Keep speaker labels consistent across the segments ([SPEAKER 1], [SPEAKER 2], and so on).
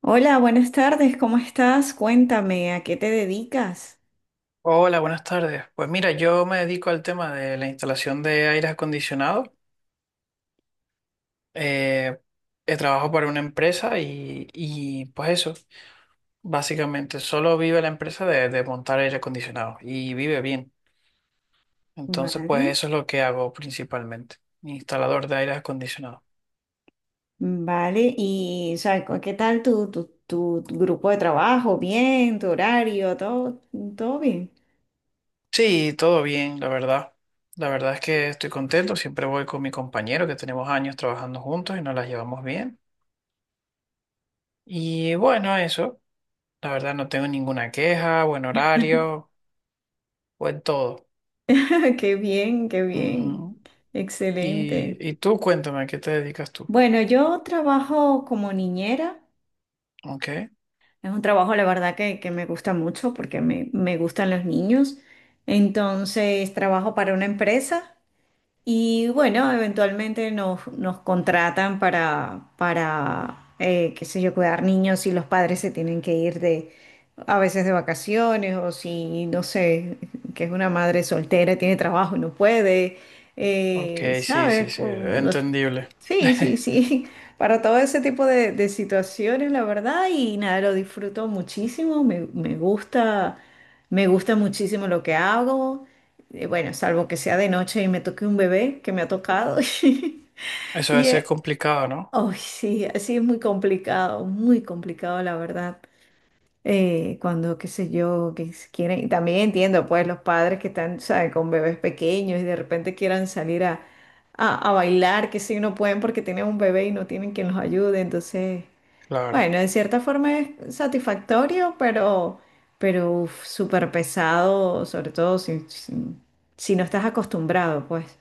[SPEAKER 1] Hola, buenas tardes, ¿cómo estás? Cuéntame, ¿a qué te dedicas?
[SPEAKER 2] Hola, buenas tardes. Pues mira, yo me dedico al tema de la instalación de aires acondicionados. Eh, Trabajo para una empresa y pues eso, básicamente solo vive la empresa de montar aire acondicionado y vive bien. Entonces, pues
[SPEAKER 1] Vale,
[SPEAKER 2] eso es lo que hago principalmente, instalador de aires acondicionados.
[SPEAKER 1] vale, ¿qué tal tu, tu grupo de trabajo? ¿Bien? ¿Tu horario? ¿Todo, todo bien?
[SPEAKER 2] Sí, todo bien, la verdad. La verdad es que estoy contento. Siempre voy con mi compañero que tenemos años trabajando juntos y nos las llevamos bien. Y bueno, eso. La verdad no tengo ninguna queja, buen horario, buen todo.
[SPEAKER 1] Qué bien,
[SPEAKER 2] Ujú. Y,
[SPEAKER 1] excelente.
[SPEAKER 2] y tú cuéntame, ¿a qué te dedicas tú?
[SPEAKER 1] Bueno, yo trabajo como niñera,
[SPEAKER 2] Ok,
[SPEAKER 1] es un trabajo la verdad que me gusta mucho porque me gustan los niños, entonces trabajo para una empresa. Y bueno, eventualmente nos contratan para qué sé yo, cuidar niños y los padres se tienen que ir de, a veces de vacaciones o si, no sé, que es una madre soltera, y tiene trabajo y no puede,
[SPEAKER 2] ok, sí,
[SPEAKER 1] ¿sabes?
[SPEAKER 2] sí, sí, entendible.
[SPEAKER 1] Sí, sí, sí, para todo ese tipo de situaciones, la verdad, y nada, lo disfruto muchísimo, me gusta, me gusta muchísimo lo que hago. Bueno, salvo que sea de noche y me toque un bebé que me ha tocado.
[SPEAKER 2] Eso debe
[SPEAKER 1] Y
[SPEAKER 2] ser
[SPEAKER 1] eh,
[SPEAKER 2] complicado, ¿no?
[SPEAKER 1] ay, sí, así es muy complicado, la verdad. Cuando, qué sé yo, quieren. Y también entiendo, pues, los padres que están, ¿sabes?, con bebés pequeños y de repente quieran salir a bailar, que sí, no pueden porque tienen un bebé y no tienen quien los ayude. Entonces.
[SPEAKER 2] Claro.
[SPEAKER 1] Bueno, de cierta forma es satisfactorio, pero uf, súper pesado, sobre todo si no estás acostumbrado, pues,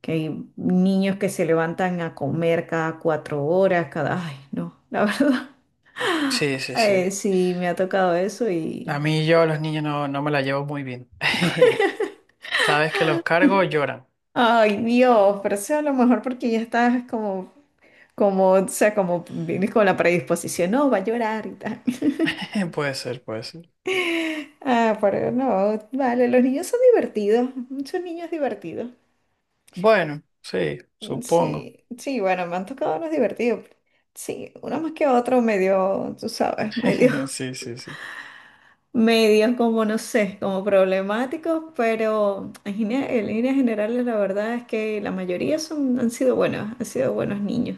[SPEAKER 1] que hay niños que se levantan a comer cada cuatro horas, Ay, no, la verdad.
[SPEAKER 2] Sí, sí, sí.
[SPEAKER 1] Sí, me ha tocado eso
[SPEAKER 2] A
[SPEAKER 1] y...
[SPEAKER 2] mí y yo a los niños no, no me la llevo muy bien. Cada vez que los cargo lloran.
[SPEAKER 1] Ay, Dios, pero sea a lo mejor porque ya estás como, o sea, como vienes con la predisposición, no, va a llorar y tal.
[SPEAKER 2] Puede ser, puede ser.
[SPEAKER 1] Ah, pero no, vale, los niños son divertidos, son niños divertidos.
[SPEAKER 2] Bueno, sí, supongo.
[SPEAKER 1] Sí, sí, bueno, me han tocado unos divertidos. Sí, uno más que otro medio, tú sabes, medio,
[SPEAKER 2] Sí, sí, sí.
[SPEAKER 1] medio como no sé, como problemáticos, pero en líneas generales la verdad es que la mayoría son, han sido buenos niños.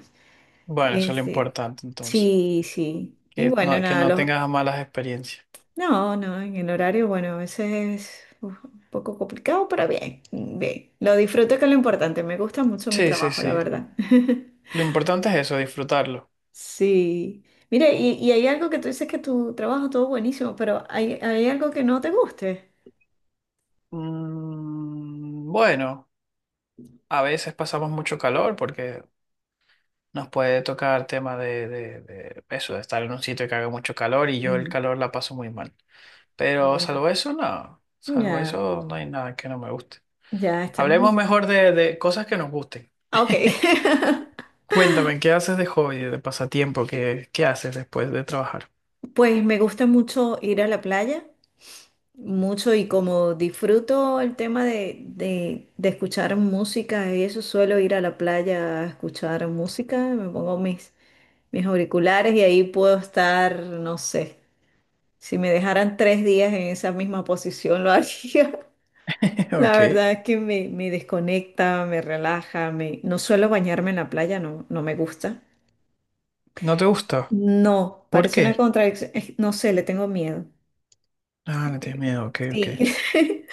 [SPEAKER 2] Bueno, eso es lo
[SPEAKER 1] Este,
[SPEAKER 2] importante entonces.
[SPEAKER 1] sí, sí. Y bueno,
[SPEAKER 2] Que
[SPEAKER 1] nada,
[SPEAKER 2] no tengas malas experiencias.
[SPEAKER 1] no, no, en el horario, bueno, a veces es uf, un poco complicado, pero bien, bien. Lo disfruto que es lo importante, me gusta mucho mi
[SPEAKER 2] Sí, sí,
[SPEAKER 1] trabajo, la
[SPEAKER 2] sí.
[SPEAKER 1] verdad.
[SPEAKER 2] Lo importante es eso, disfrutarlo.
[SPEAKER 1] Sí. Mire, y hay algo que tú dices que tu trabajo todo buenísimo, pero hay algo que no te guste.
[SPEAKER 2] Bueno, a veces pasamos mucho calor porque nos puede tocar tema de eso, de estar en un sitio que haga mucho calor y yo el
[SPEAKER 1] Mm,
[SPEAKER 2] calor la paso muy mal. Pero
[SPEAKER 1] bueno.
[SPEAKER 2] salvo eso, no. Salvo
[SPEAKER 1] Ya,
[SPEAKER 2] eso, no hay nada que no me guste.
[SPEAKER 1] ya está
[SPEAKER 2] Hablemos
[SPEAKER 1] muy...
[SPEAKER 2] mejor de cosas que nos gusten.
[SPEAKER 1] Ah, ok.
[SPEAKER 2] Cuéntame, ¿qué haces de hobby, de pasatiempo? ¿Qué haces después de trabajar?
[SPEAKER 1] Pues me gusta mucho ir a la playa, mucho y como disfruto el tema de escuchar música y eso, suelo ir a la playa a escuchar música, me pongo mis, mis auriculares y ahí puedo estar, no sé, si me dejaran tres días en esa misma posición lo haría. La
[SPEAKER 2] Ok.
[SPEAKER 1] verdad es que me desconecta, me relaja, me... No suelo bañarme en la playa, no, no me gusta.
[SPEAKER 2] ¿No te gusta?
[SPEAKER 1] No,
[SPEAKER 2] ¿Por
[SPEAKER 1] parece una
[SPEAKER 2] qué?
[SPEAKER 1] contradicción, no sé, le tengo miedo.
[SPEAKER 2] Ah, le tienes
[SPEAKER 1] Eh,
[SPEAKER 2] miedo, ok, ok.
[SPEAKER 1] Sí,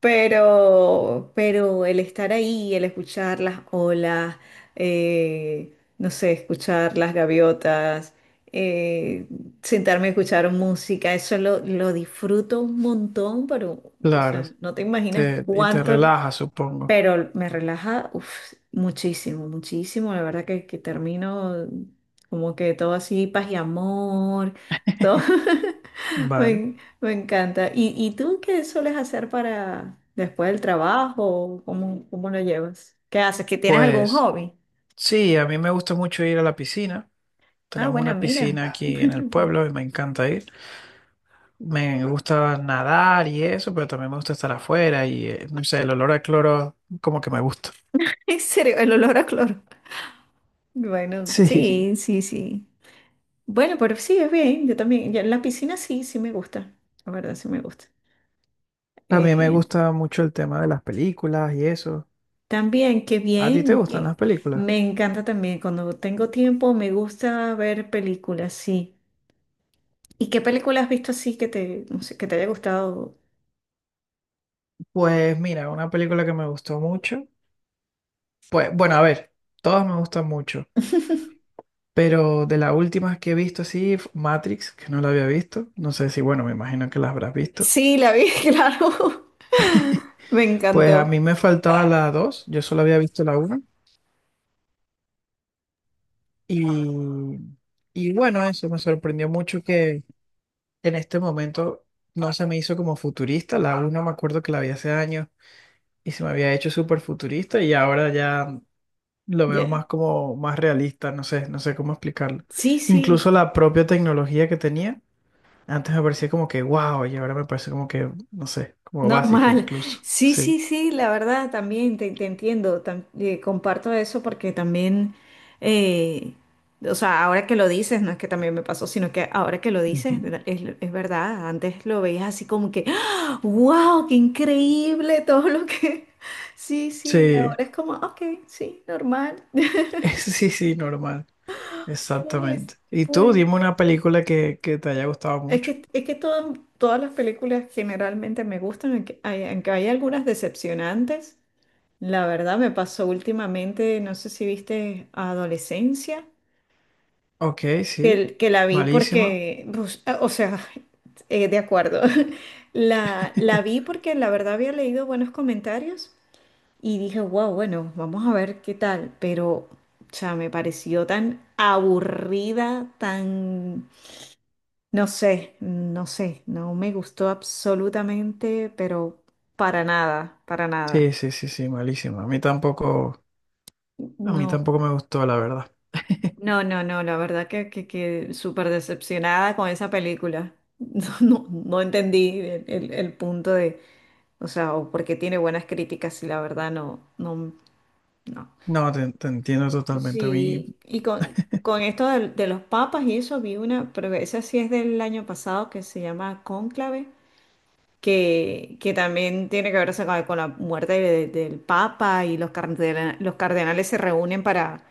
[SPEAKER 1] pero el estar ahí, el escuchar las olas, eh, no sé, escuchar las gaviotas, eh, sentarme a escuchar música, eso lo disfruto un montón, pero, o
[SPEAKER 2] Claro,
[SPEAKER 1] sea, no te imaginas
[SPEAKER 2] Y te
[SPEAKER 1] cuánto.
[SPEAKER 2] relaja, supongo.
[SPEAKER 1] Pero me relaja, uf, muchísimo, muchísimo. La verdad que termino como que todo así, paz y amor, todo.
[SPEAKER 2] Vale.
[SPEAKER 1] Me encanta. Y tú qué sueles hacer para después del trabajo? ¿Cómo, cómo lo llevas? ¿Qué haces? ¿Que tienes algún
[SPEAKER 2] Pues
[SPEAKER 1] hobby?
[SPEAKER 2] sí, a mí me gusta mucho ir a la piscina.
[SPEAKER 1] Ah,
[SPEAKER 2] Tenemos
[SPEAKER 1] bueno,
[SPEAKER 2] una
[SPEAKER 1] mira.
[SPEAKER 2] piscina aquí en el
[SPEAKER 1] Bien.
[SPEAKER 2] pueblo y me encanta ir. Me gusta nadar y eso, pero también me gusta estar afuera y no sé, el olor a cloro como que me gusta.
[SPEAKER 1] En serio, el olor a cloro. Bueno,
[SPEAKER 2] Sí.
[SPEAKER 1] sí, sí, sí. Bueno, pero sí, es bien. Yo también, yo en la piscina sí, sí me gusta. La verdad, sí me gusta.
[SPEAKER 2] A mí me
[SPEAKER 1] Eh,
[SPEAKER 2] gusta mucho el tema de las películas y eso.
[SPEAKER 1] También, qué
[SPEAKER 2] ¿A ti te
[SPEAKER 1] bien,
[SPEAKER 2] gustan
[SPEAKER 1] que
[SPEAKER 2] las películas?
[SPEAKER 1] me encanta también cuando tengo tiempo, me gusta ver películas, sí. ¿Y qué película has visto así que te, no sé, que te haya gustado?
[SPEAKER 2] Pues mira, una película que me gustó mucho. Pues bueno, a ver, todas me gustan mucho. Pero de las últimas que he visto, sí, Matrix, que no la había visto. No sé si, bueno, me imagino que la habrás visto.
[SPEAKER 1] Sí, la vi, claro. Me
[SPEAKER 2] Pues a
[SPEAKER 1] encantó.
[SPEAKER 2] mí me faltaba la dos, yo solo había visto la una. Y, y bueno, eso me sorprendió mucho que en este momento no se me hizo como futurista. La una me acuerdo que la vi hace años y se me había hecho súper futurista y ahora ya lo veo
[SPEAKER 1] Ya.
[SPEAKER 2] más como más realista, no sé, no sé cómo explicarlo.
[SPEAKER 1] Sí, sí,
[SPEAKER 2] Incluso la propia tecnología que tenía. Antes me parecía como que wow, y ahora me parece como que, no sé, como básica
[SPEAKER 1] normal.
[SPEAKER 2] incluso.
[SPEAKER 1] Sí,
[SPEAKER 2] Sí,
[SPEAKER 1] sí, sí, la verdad también te entiendo. Comparto eso porque también, eh, o sea, ahora que lo dices, no es que también me pasó, sino que ahora que lo dices,
[SPEAKER 2] Ujú.
[SPEAKER 1] es verdad. Antes lo veías así como que, wow, qué increíble todo lo que... Sí, sí, ahora
[SPEAKER 2] Sí,
[SPEAKER 1] es como, ok, sí, normal.
[SPEAKER 2] sí, sí, normal.
[SPEAKER 1] Pues,
[SPEAKER 2] Exactamente. Y tú,
[SPEAKER 1] pues,
[SPEAKER 2] dime una película que te haya gustado mucho.
[SPEAKER 1] es que todas las películas generalmente me gustan, aunque hay algunas decepcionantes. La verdad me pasó últimamente, no sé si viste Adolescencia,
[SPEAKER 2] Ok, sí,
[SPEAKER 1] que la vi
[SPEAKER 2] malísima.
[SPEAKER 1] porque, pues, ah, o sea, de acuerdo, la vi porque la verdad había leído buenos comentarios y dije, wow, bueno, vamos a ver qué tal, pero, o sea, me pareció tan aburrida, tan, no sé, no sé, no me gustó absolutamente, pero para nada, para nada.
[SPEAKER 2] Sí, sí, sí, sí, malísima. A mí
[SPEAKER 1] No.
[SPEAKER 2] tampoco me gustó, la verdad.
[SPEAKER 1] No, no, no, la verdad que súper decepcionada con esa película. No, no, no entendí el punto de, o sea, o porque tiene buenas críticas y la verdad no, no, no.
[SPEAKER 2] No, te entiendo totalmente. A mí,
[SPEAKER 1] Sí, con esto los papas y eso vi una, pero esa sí es del año pasado que se llama Cónclave, que también tiene que ver o sea, con la muerte del papa y los cardenales se reúnen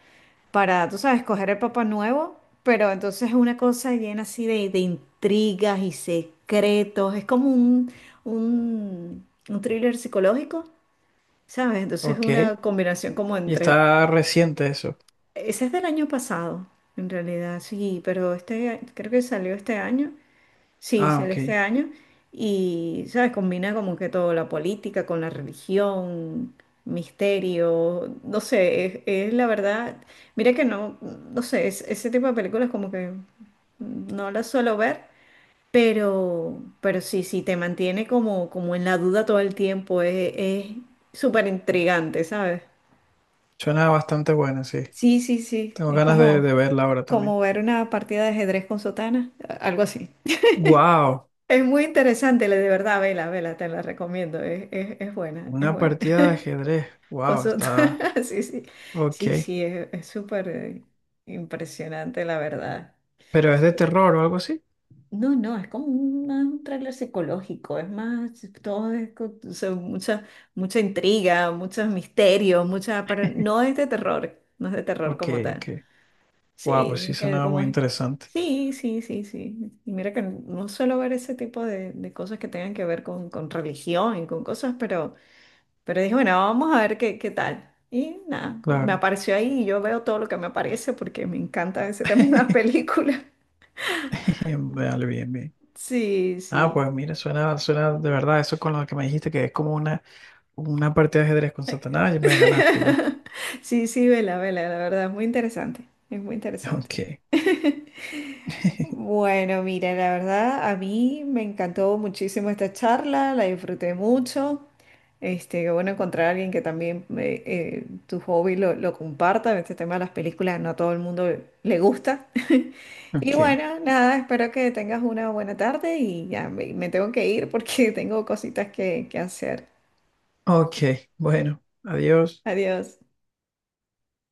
[SPEAKER 1] para, tú sabes, coger el papá nuevo, pero entonces es una cosa llena así de intrigas y secretos, es como un thriller psicológico, ¿sabes? Entonces es
[SPEAKER 2] ok.
[SPEAKER 1] una combinación como
[SPEAKER 2] Y
[SPEAKER 1] entre...
[SPEAKER 2] está reciente eso.
[SPEAKER 1] Ese es del año pasado, en realidad, sí, pero este creo que salió este año. Sí,
[SPEAKER 2] Ah,
[SPEAKER 1] sale este
[SPEAKER 2] ok.
[SPEAKER 1] año y, ¿sabes? Combina como que todo, la política con la religión, misterio, no sé, es la verdad, mira que no, no sé, ese tipo de películas como que no las suelo ver, pero sí, sí, te mantiene como, como en la duda todo el tiempo, es súper intrigante, ¿sabes?
[SPEAKER 2] Suena bastante buena, sí.
[SPEAKER 1] Sí, sí, sí,
[SPEAKER 2] Tengo
[SPEAKER 1] es
[SPEAKER 2] ganas de
[SPEAKER 1] como,
[SPEAKER 2] verla ahora
[SPEAKER 1] como
[SPEAKER 2] también.
[SPEAKER 1] ver una partida de ajedrez con sotana, algo así.
[SPEAKER 2] Wow,
[SPEAKER 1] Es muy interesante, de verdad, vela, vela, te la recomiendo, es buena, es
[SPEAKER 2] una
[SPEAKER 1] buena.
[SPEAKER 2] partida de ajedrez.
[SPEAKER 1] Con
[SPEAKER 2] Wow,
[SPEAKER 1] su-
[SPEAKER 2] está...
[SPEAKER 1] Sí, sí,
[SPEAKER 2] Ok.
[SPEAKER 1] sí, sí, es súper impresionante, la verdad.
[SPEAKER 2] ¿Pero es de terror o algo así?
[SPEAKER 1] No, no, es como un, más un tráiler psicológico, es más, todo es, o sea, mucha, mucha intriga, muchos misterios, mucha, pero no es de terror, no es de terror
[SPEAKER 2] Ok,
[SPEAKER 1] como
[SPEAKER 2] ok.
[SPEAKER 1] tal. Sí,
[SPEAKER 2] Wow, pues sí
[SPEAKER 1] hay que ver
[SPEAKER 2] sonaba
[SPEAKER 1] cómo
[SPEAKER 2] muy
[SPEAKER 1] es.
[SPEAKER 2] interesante.
[SPEAKER 1] Sí, sí, sí, sí. Y mira que no suelo ver ese tipo de cosas que tengan que ver con religión y con cosas, pero dije, bueno, vamos a ver qué, qué tal. Y nada, me
[SPEAKER 2] Claro.
[SPEAKER 1] apareció ahí y yo veo todo lo que me aparece porque me encanta ese tema en las películas.
[SPEAKER 2] Vale, bien, bien.
[SPEAKER 1] Sí,
[SPEAKER 2] Ah,
[SPEAKER 1] sí.
[SPEAKER 2] pues mira, suena de verdad eso con lo que me dijiste, que es como una partida de ajedrez con Satanás y me ganaste ya.
[SPEAKER 1] Sí, sí, vela, vela, la verdad, es muy interesante. Es muy interesante.
[SPEAKER 2] Ok.
[SPEAKER 1] Bueno, mira, la verdad a mí me encantó muchísimo esta charla, la disfruté mucho. Este, qué bueno encontrar a alguien que también tu hobby lo comparta. Este tema de las películas no a todo el mundo le gusta. Y
[SPEAKER 2] Ok.
[SPEAKER 1] bueno, nada, espero que tengas una buena tarde y ya me tengo que ir porque tengo cositas que hacer.
[SPEAKER 2] Ok. Bueno, adiós.
[SPEAKER 1] Adiós.